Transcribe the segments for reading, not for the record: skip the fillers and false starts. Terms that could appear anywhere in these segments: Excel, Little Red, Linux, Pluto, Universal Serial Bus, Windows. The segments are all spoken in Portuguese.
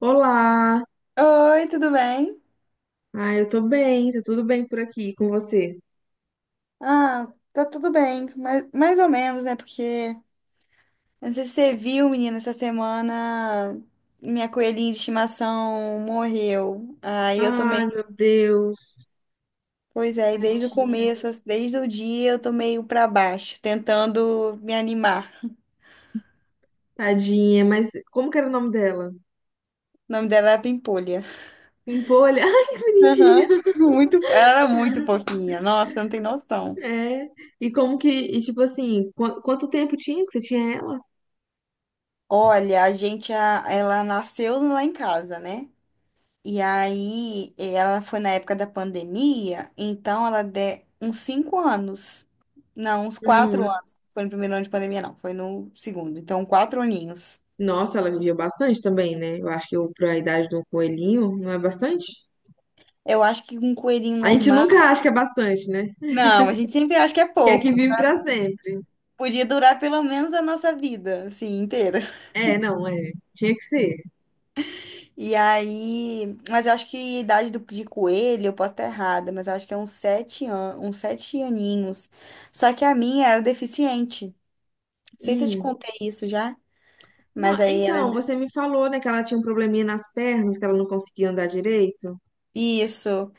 Olá! Oi, tudo bem? Eu tô bem, tá tudo bem por aqui com você? Ah, tá tudo bem, mas mais ou menos, né? Porque não sei se você viu, menina, essa semana minha coelhinha de estimação morreu. Aí eu tô Ai, meio, meu Deus, pois é, e desde o tadinha, começo, desde o dia eu tô meio pra baixo, tentando me animar. tadinha, mas como que era o nome dela? O nome dela era Pimpolha. Pimpolha? Ai, que Aham. bonitinho! Muito, ela era muito fofinha. Nossa, não tem noção. É, e como que, quanto tempo tinha que você tinha ela? Olha, ela nasceu lá em casa, né? E aí, ela foi na época da pandemia, então ela deu uns 5 anos. Não, uns quatro Hum, anos. Foi no primeiro ano de pandemia, não. Foi no segundo. Então, 4 aninhos. Nossa, ela vivia bastante também, né? Eu acho pra idade de um coelhinho, não é bastante? Eu acho que um coelhinho A gente normal. nunca acha que é bastante, né? Não, a gente sempre acha que é Que é que pouco. vive pra sempre. Podia durar pelo menos a nossa vida, assim, inteira. É, não, é, tinha que ser. E aí. Mas eu acho que a idade de coelho, eu posso estar errada, mas eu acho que é uns 7 anos uns 7 aninhos. Só que a minha era deficiente. Não sei se eu te Hum. contei isso já. Não, Mas aí ela. então, você me falou, né, que ela tinha um probleminha nas pernas, que ela não conseguia andar direito. Isso.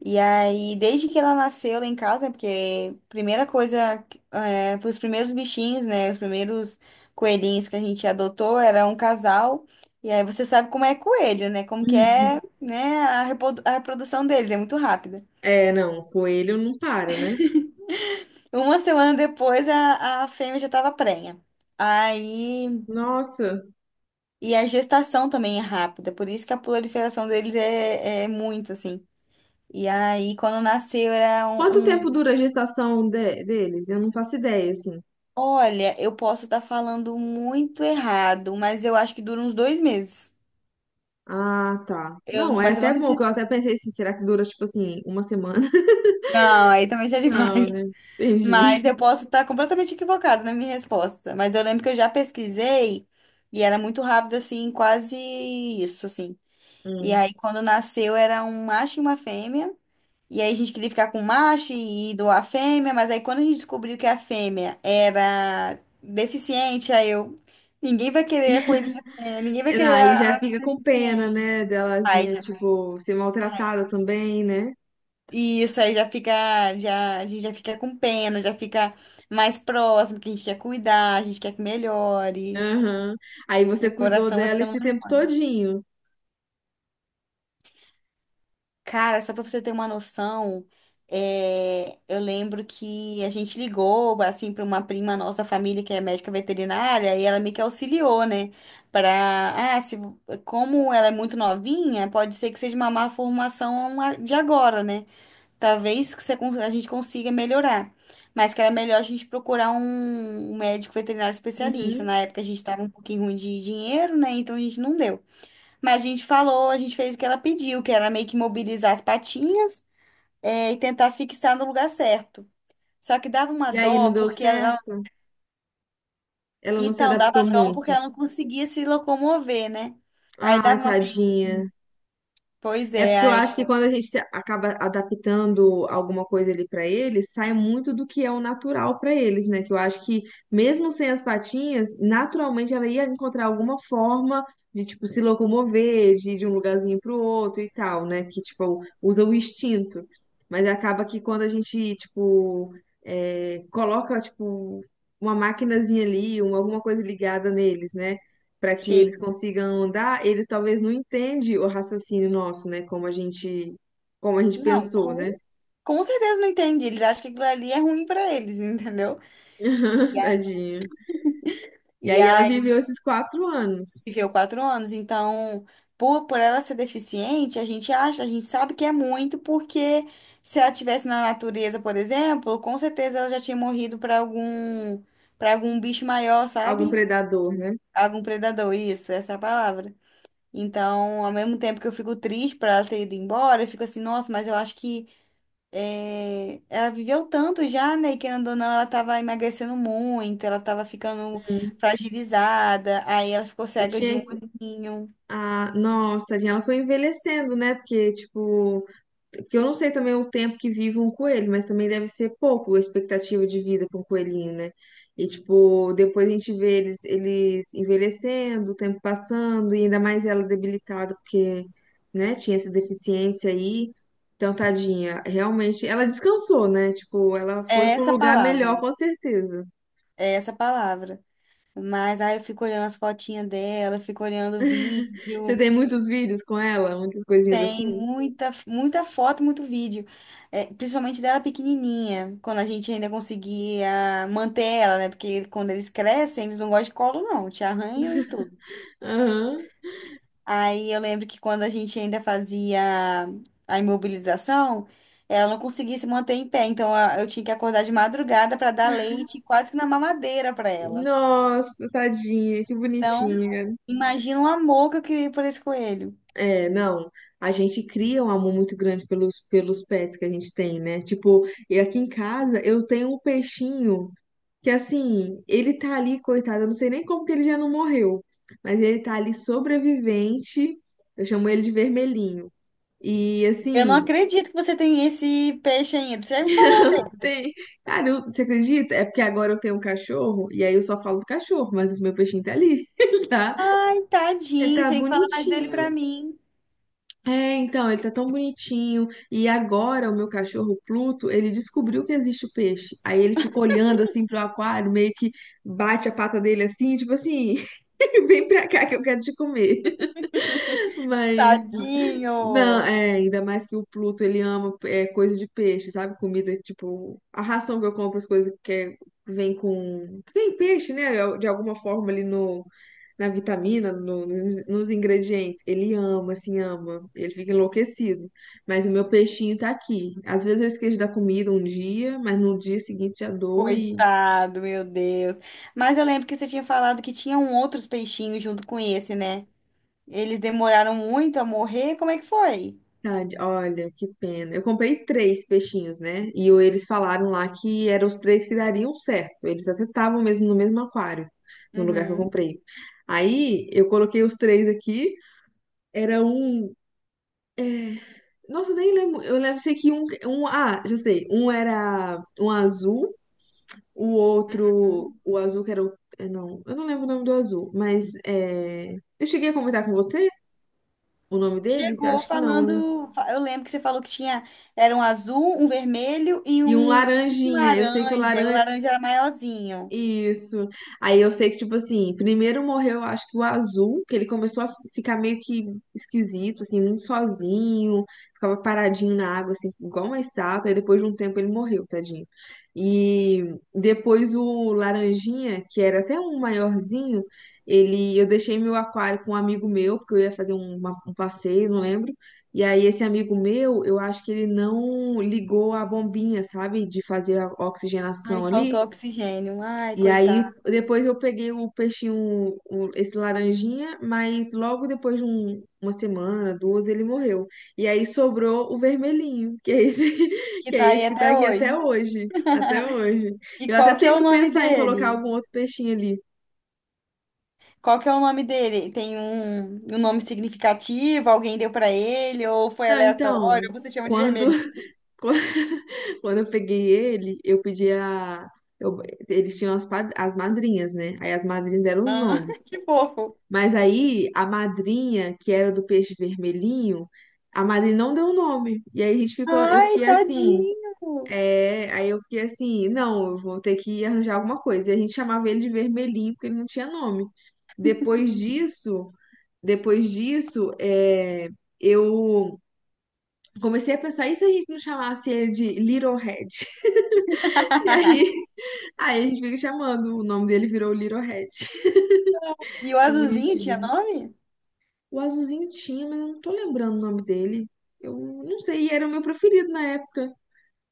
E aí, desde que ela nasceu lá em casa, porque primeira coisa, os primeiros bichinhos, né? Os primeiros coelhinhos que a gente adotou era um casal. E aí você sabe como é coelho, né? Como que Hum. é, né, a reprodução deles, é muito rápida. É, não, o coelho não para, né? Uma semana depois a fêmea já estava prenha. Aí, Nossa, e a gestação também é rápida, por isso que a proliferação deles é muito assim. E aí, quando nasceu, era quanto um, tempo um. dura a gestação deles? Eu não faço ideia, assim. Olha, eu posso estar falando muito errado, mas eu acho que dura uns 2 meses. Ah, tá. Eu, Não, é mas eu até não tenho bom, que eu certeza. até pensei assim, será que dura, tipo assim, uma semana? Não, aí também já é Não, demais. né? Entendi. Mas eu posso estar completamente equivocada na minha resposta. Mas eu lembro que eu já pesquisei e era muito rápido, assim, quase isso, assim. E Hum. aí, quando nasceu, era um macho e uma fêmea. E aí a gente queria ficar com o macho e doar a fêmea, mas aí quando a gente descobriu que a fêmea era deficiente, aí eu, ninguém vai querer a coelhinha, fêmea, ninguém vai Não, querer aí a já a fica com pena, deficiente. né, Aí delazinha, já, tipo, ser ai, maltratada também, né? isso aí já fica, já, a gente já fica com pena, já fica mais próximo, que a gente quer cuidar, a gente quer que melhore. Aham. Aí você O cuidou coração vai dela ficando esse mais tempo mole. todinho. Cara, só pra você ter uma noção, eu lembro que a gente ligou, assim, para uma prima nossa da família que é médica veterinária e ela meio que auxiliou, né? Para, ah, se, como ela é muito novinha, pode ser que seja uma má formação de agora, né? Talvez que a gente consiga melhorar, mas que era melhor a gente procurar um médico veterinário especialista. Uhum. Na época a gente estava um pouquinho ruim de dinheiro, né? Então a gente não deu. Mas a gente falou, a gente fez o que ela pediu, que era meio que mobilizar as patinhas, e tentar fixar no lugar certo. Só que dava uma E aí não dó, deu porque ela. certo? Ela não se Então, dava adaptou dó porque muito. ela não conseguia se locomover, né? Aí Ai, dava uma. Pe- tadinha. Pois É é, porque eu aí. acho que quando a gente se- acaba adaptando alguma coisa ali pra eles, sai muito do que é o natural pra eles, né? Que eu acho que mesmo sem as patinhas, naturalmente ela ia encontrar alguma forma de tipo se locomover, de ir de um lugarzinho pro outro e tal, né? Que tipo usa o instinto. Mas acaba que quando a gente coloca tipo uma maquinazinha ali, uma, alguma coisa ligada neles, né? Para que Sim. eles consigam andar, eles talvez não entendem o raciocínio nosso, né? Como a gente Não, pensou, né? com certeza não entendi. Eles acham que aquilo ali é ruim pra eles, entendeu? Tadinha. E E aí ela aí. viveu esses quatro anos, Viveu 4 anos, então, por ela ser deficiente, a gente acha, a gente sabe que é muito, porque se ela tivesse na natureza, por exemplo, com certeza ela já tinha morrido para algum bicho maior, algum sabe? predador, né? Algum predador, isso, essa é a palavra. Então, ao mesmo tempo que eu fico triste por ela ter ido embora, eu fico assim, nossa, mas eu acho que ela viveu tanto já, né? E querendo ou não, ela tava emagrecendo muito, ela tava ficando Hum. fragilizada, aí ela ficou E cega de um tinha. olhinho. Ah, nossa, tadinha, ela foi envelhecendo, né? Porque, tipo, porque eu não sei também o tempo que vive um coelho, mas também deve ser pouco a expectativa de vida para um coelhinho, né? E, tipo, depois a gente vê eles, eles envelhecendo, o tempo passando, e ainda mais ela debilitada, porque, né, tinha essa deficiência aí. Então, tadinha, realmente, ela descansou, né? Tipo, ela foi É para um essa lugar palavra, melhor, com certeza. é essa palavra. Mas aí eu fico olhando as fotinhas dela, fico olhando o Você vídeo. tem muitos vídeos com ela, muitas coisinhas Tem assim? muita, muita foto, muito vídeo. É, principalmente dela pequenininha, quando a gente ainda conseguia manter ela, né? Porque quando eles crescem, eles não gostam de colo, não, te arranham e tudo. Aham. Aí eu lembro que quando a gente ainda fazia a imobilização, ela não conseguia se manter em pé. Então eu tinha que acordar de madrugada para dar leite, quase que na mamadeira para ela. Nossa, tadinha, que Então, bonitinha. imagina o amor que eu criei por esse coelho. É, não. A gente cria um amor muito grande pelos, pelos pets que a gente tem, né? Tipo, e aqui em casa eu tenho um peixinho que, assim, ele tá ali, coitado, eu não sei nem como que ele já não morreu, mas ele tá ali sobrevivente. Eu chamo ele de vermelhinho. E, Eu não assim, acredito que você tem esse peixe ainda. Você já me falou dele. tem. Cara, você acredita? É porque agora eu tenho um cachorro e aí eu só falo do cachorro, mas o meu peixinho tá ali. Ele tá, Ai, ele tadinho, tá você tem que falar mais dele pra bonitinho. mim. É, então, ele tá tão bonitinho. E agora o meu cachorro Pluto, ele descobriu que existe o peixe. Aí ele fica olhando assim pro aquário, meio que bate a pata dele assim, tipo assim, vem pra cá que eu quero te comer. Mas Tadinho! não, é, ainda mais que o Pluto, ele ama é, coisa de peixe, sabe? Comida, tipo, a ração que eu compro, as coisas que vem com que tem peixe, né? De alguma forma ali na vitamina, nos ingredientes. Ele ama, assim, ama. Ele fica enlouquecido. Mas o meu peixinho tá aqui. Às vezes eu esqueço da comida um dia, mas no dia seguinte já dou Coitado, meu Deus. Mas eu lembro que você tinha falado que tinham outros peixinhos junto com esse, né? Eles demoraram muito a morrer. Como é que foi? Tade, olha, que pena. Eu comprei três peixinhos, né? Eles falaram lá que eram os três que dariam certo. Eles até estavam mesmo no mesmo aquário, no lugar que eu Uhum. comprei. Aí eu coloquei os três aqui. Era um. é, Nossa, nem lembro. Eu lembro sei que Ah, já sei. Um era um azul, o outro. O azul que era o. Não, eu não lembro o nome do azul, mas é eu cheguei a comentar com você o nome deles? Eu Chegou acho que não, né? falando, eu lembro que você falou que tinha, era um azul, um vermelho e E um um tipo um laranjinha. Eu sei que laranja. o E o laranja. laranja era maiorzinho. Isso. Aí eu sei que, tipo assim, primeiro morreu, acho que o azul, que ele começou ficar meio que esquisito, assim, muito sozinho, ficava paradinho na água, assim, igual uma estátua, e depois de um tempo ele morreu, tadinho. E depois o laranjinha, que era até um maiorzinho, ele, eu deixei meu aquário com um amigo meu, porque eu ia fazer um passeio, não lembro. E aí esse amigo meu, eu acho que ele não ligou a bombinha, sabe, de fazer a Aí oxigenação ali. faltou oxigênio. Ai, E aí, coitado. depois eu peguei o peixinho, esse laranjinha, mas logo depois de uma semana, duas, ele morreu. E aí sobrou o vermelhinho, que é esse, Que que tá é esse aí que tá até aqui até hoje. hoje. Até hoje. E Eu até qual que é tenho o que nome pensar em colocar dele? algum outro peixinho ali. Qual que é o nome dele? Tem um nome significativo? Alguém deu pra ele? Ou foi Não, aleatório? Você chama de quando, vermelhinho? quando quando eu peguei ele, eu pedi a eu- eles tinham as madrinhas, né? Aí as madrinhas deram os Ah, nomes. que fofo. Mas aí a madrinha, que era do peixe vermelhinho, a madrinha não deu o nome. E aí a gente ficou, eu Ai, fiquei assim, tadinho. é, aí eu fiquei assim, não, eu vou ter que arranjar alguma coisa. E a gente chamava ele de vermelhinho porque ele não tinha nome. Depois disso, depois disso, eu comecei a pensar, e se a gente não chamasse ele de Little Red? E aí, aí a gente fica chamando, o nome dele virou Little Red. E o É azulzinho tinha bonitinho. nome? O azulzinho tinha, mas eu não tô lembrando o nome dele. Eu não sei, e era o meu preferido na época.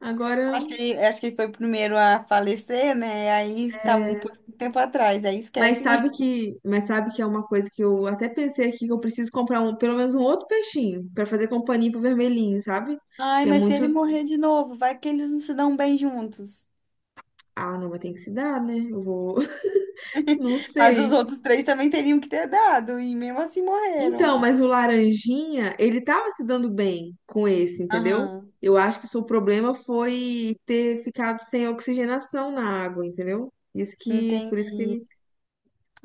Agora, Acho que ele foi o primeiro a falecer, né? Aí tá um é, pouco um tempo atrás, aí mas esquece mesmo. sabe que que é uma coisa que eu até pensei aqui que eu preciso comprar um, pelo menos um outro peixinho pra fazer companhia pro vermelhinho, sabe? Ai, Que é mas se ele muito, morrer de novo, vai que eles não se dão bem juntos. ah, não, mas tem que se dar, né? Eu vou, não Mas os sei. outros três também teriam que ter dado, e mesmo assim Então, morreram. mas o laranjinha, ele tava se dando bem com esse, entendeu? Aham, Eu acho que o seu problema foi ter ficado sem oxigenação na água, entendeu? Isso que, por isso que entendi. ele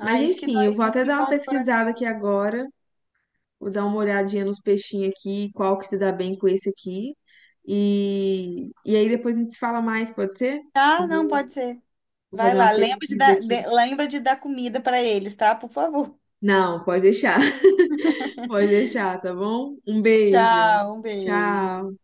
mas isso que enfim, dói, eu vou isso até que dar uma corta o pesquisada aqui coração. agora, vou dar uma olhadinha nos peixinhos aqui, qual que se dá bem com esse aqui. E aí depois a gente se fala mais, pode ser? Ah, não, Vou pode ser. vou Vai fazer lá, uma lembra de pesquisa dar, aqui. lembra de dar comida para eles, tá? Por favor. Não, pode deixar, pode deixar, tá bom? Um beijo. Tchau, um beijo. Tchau.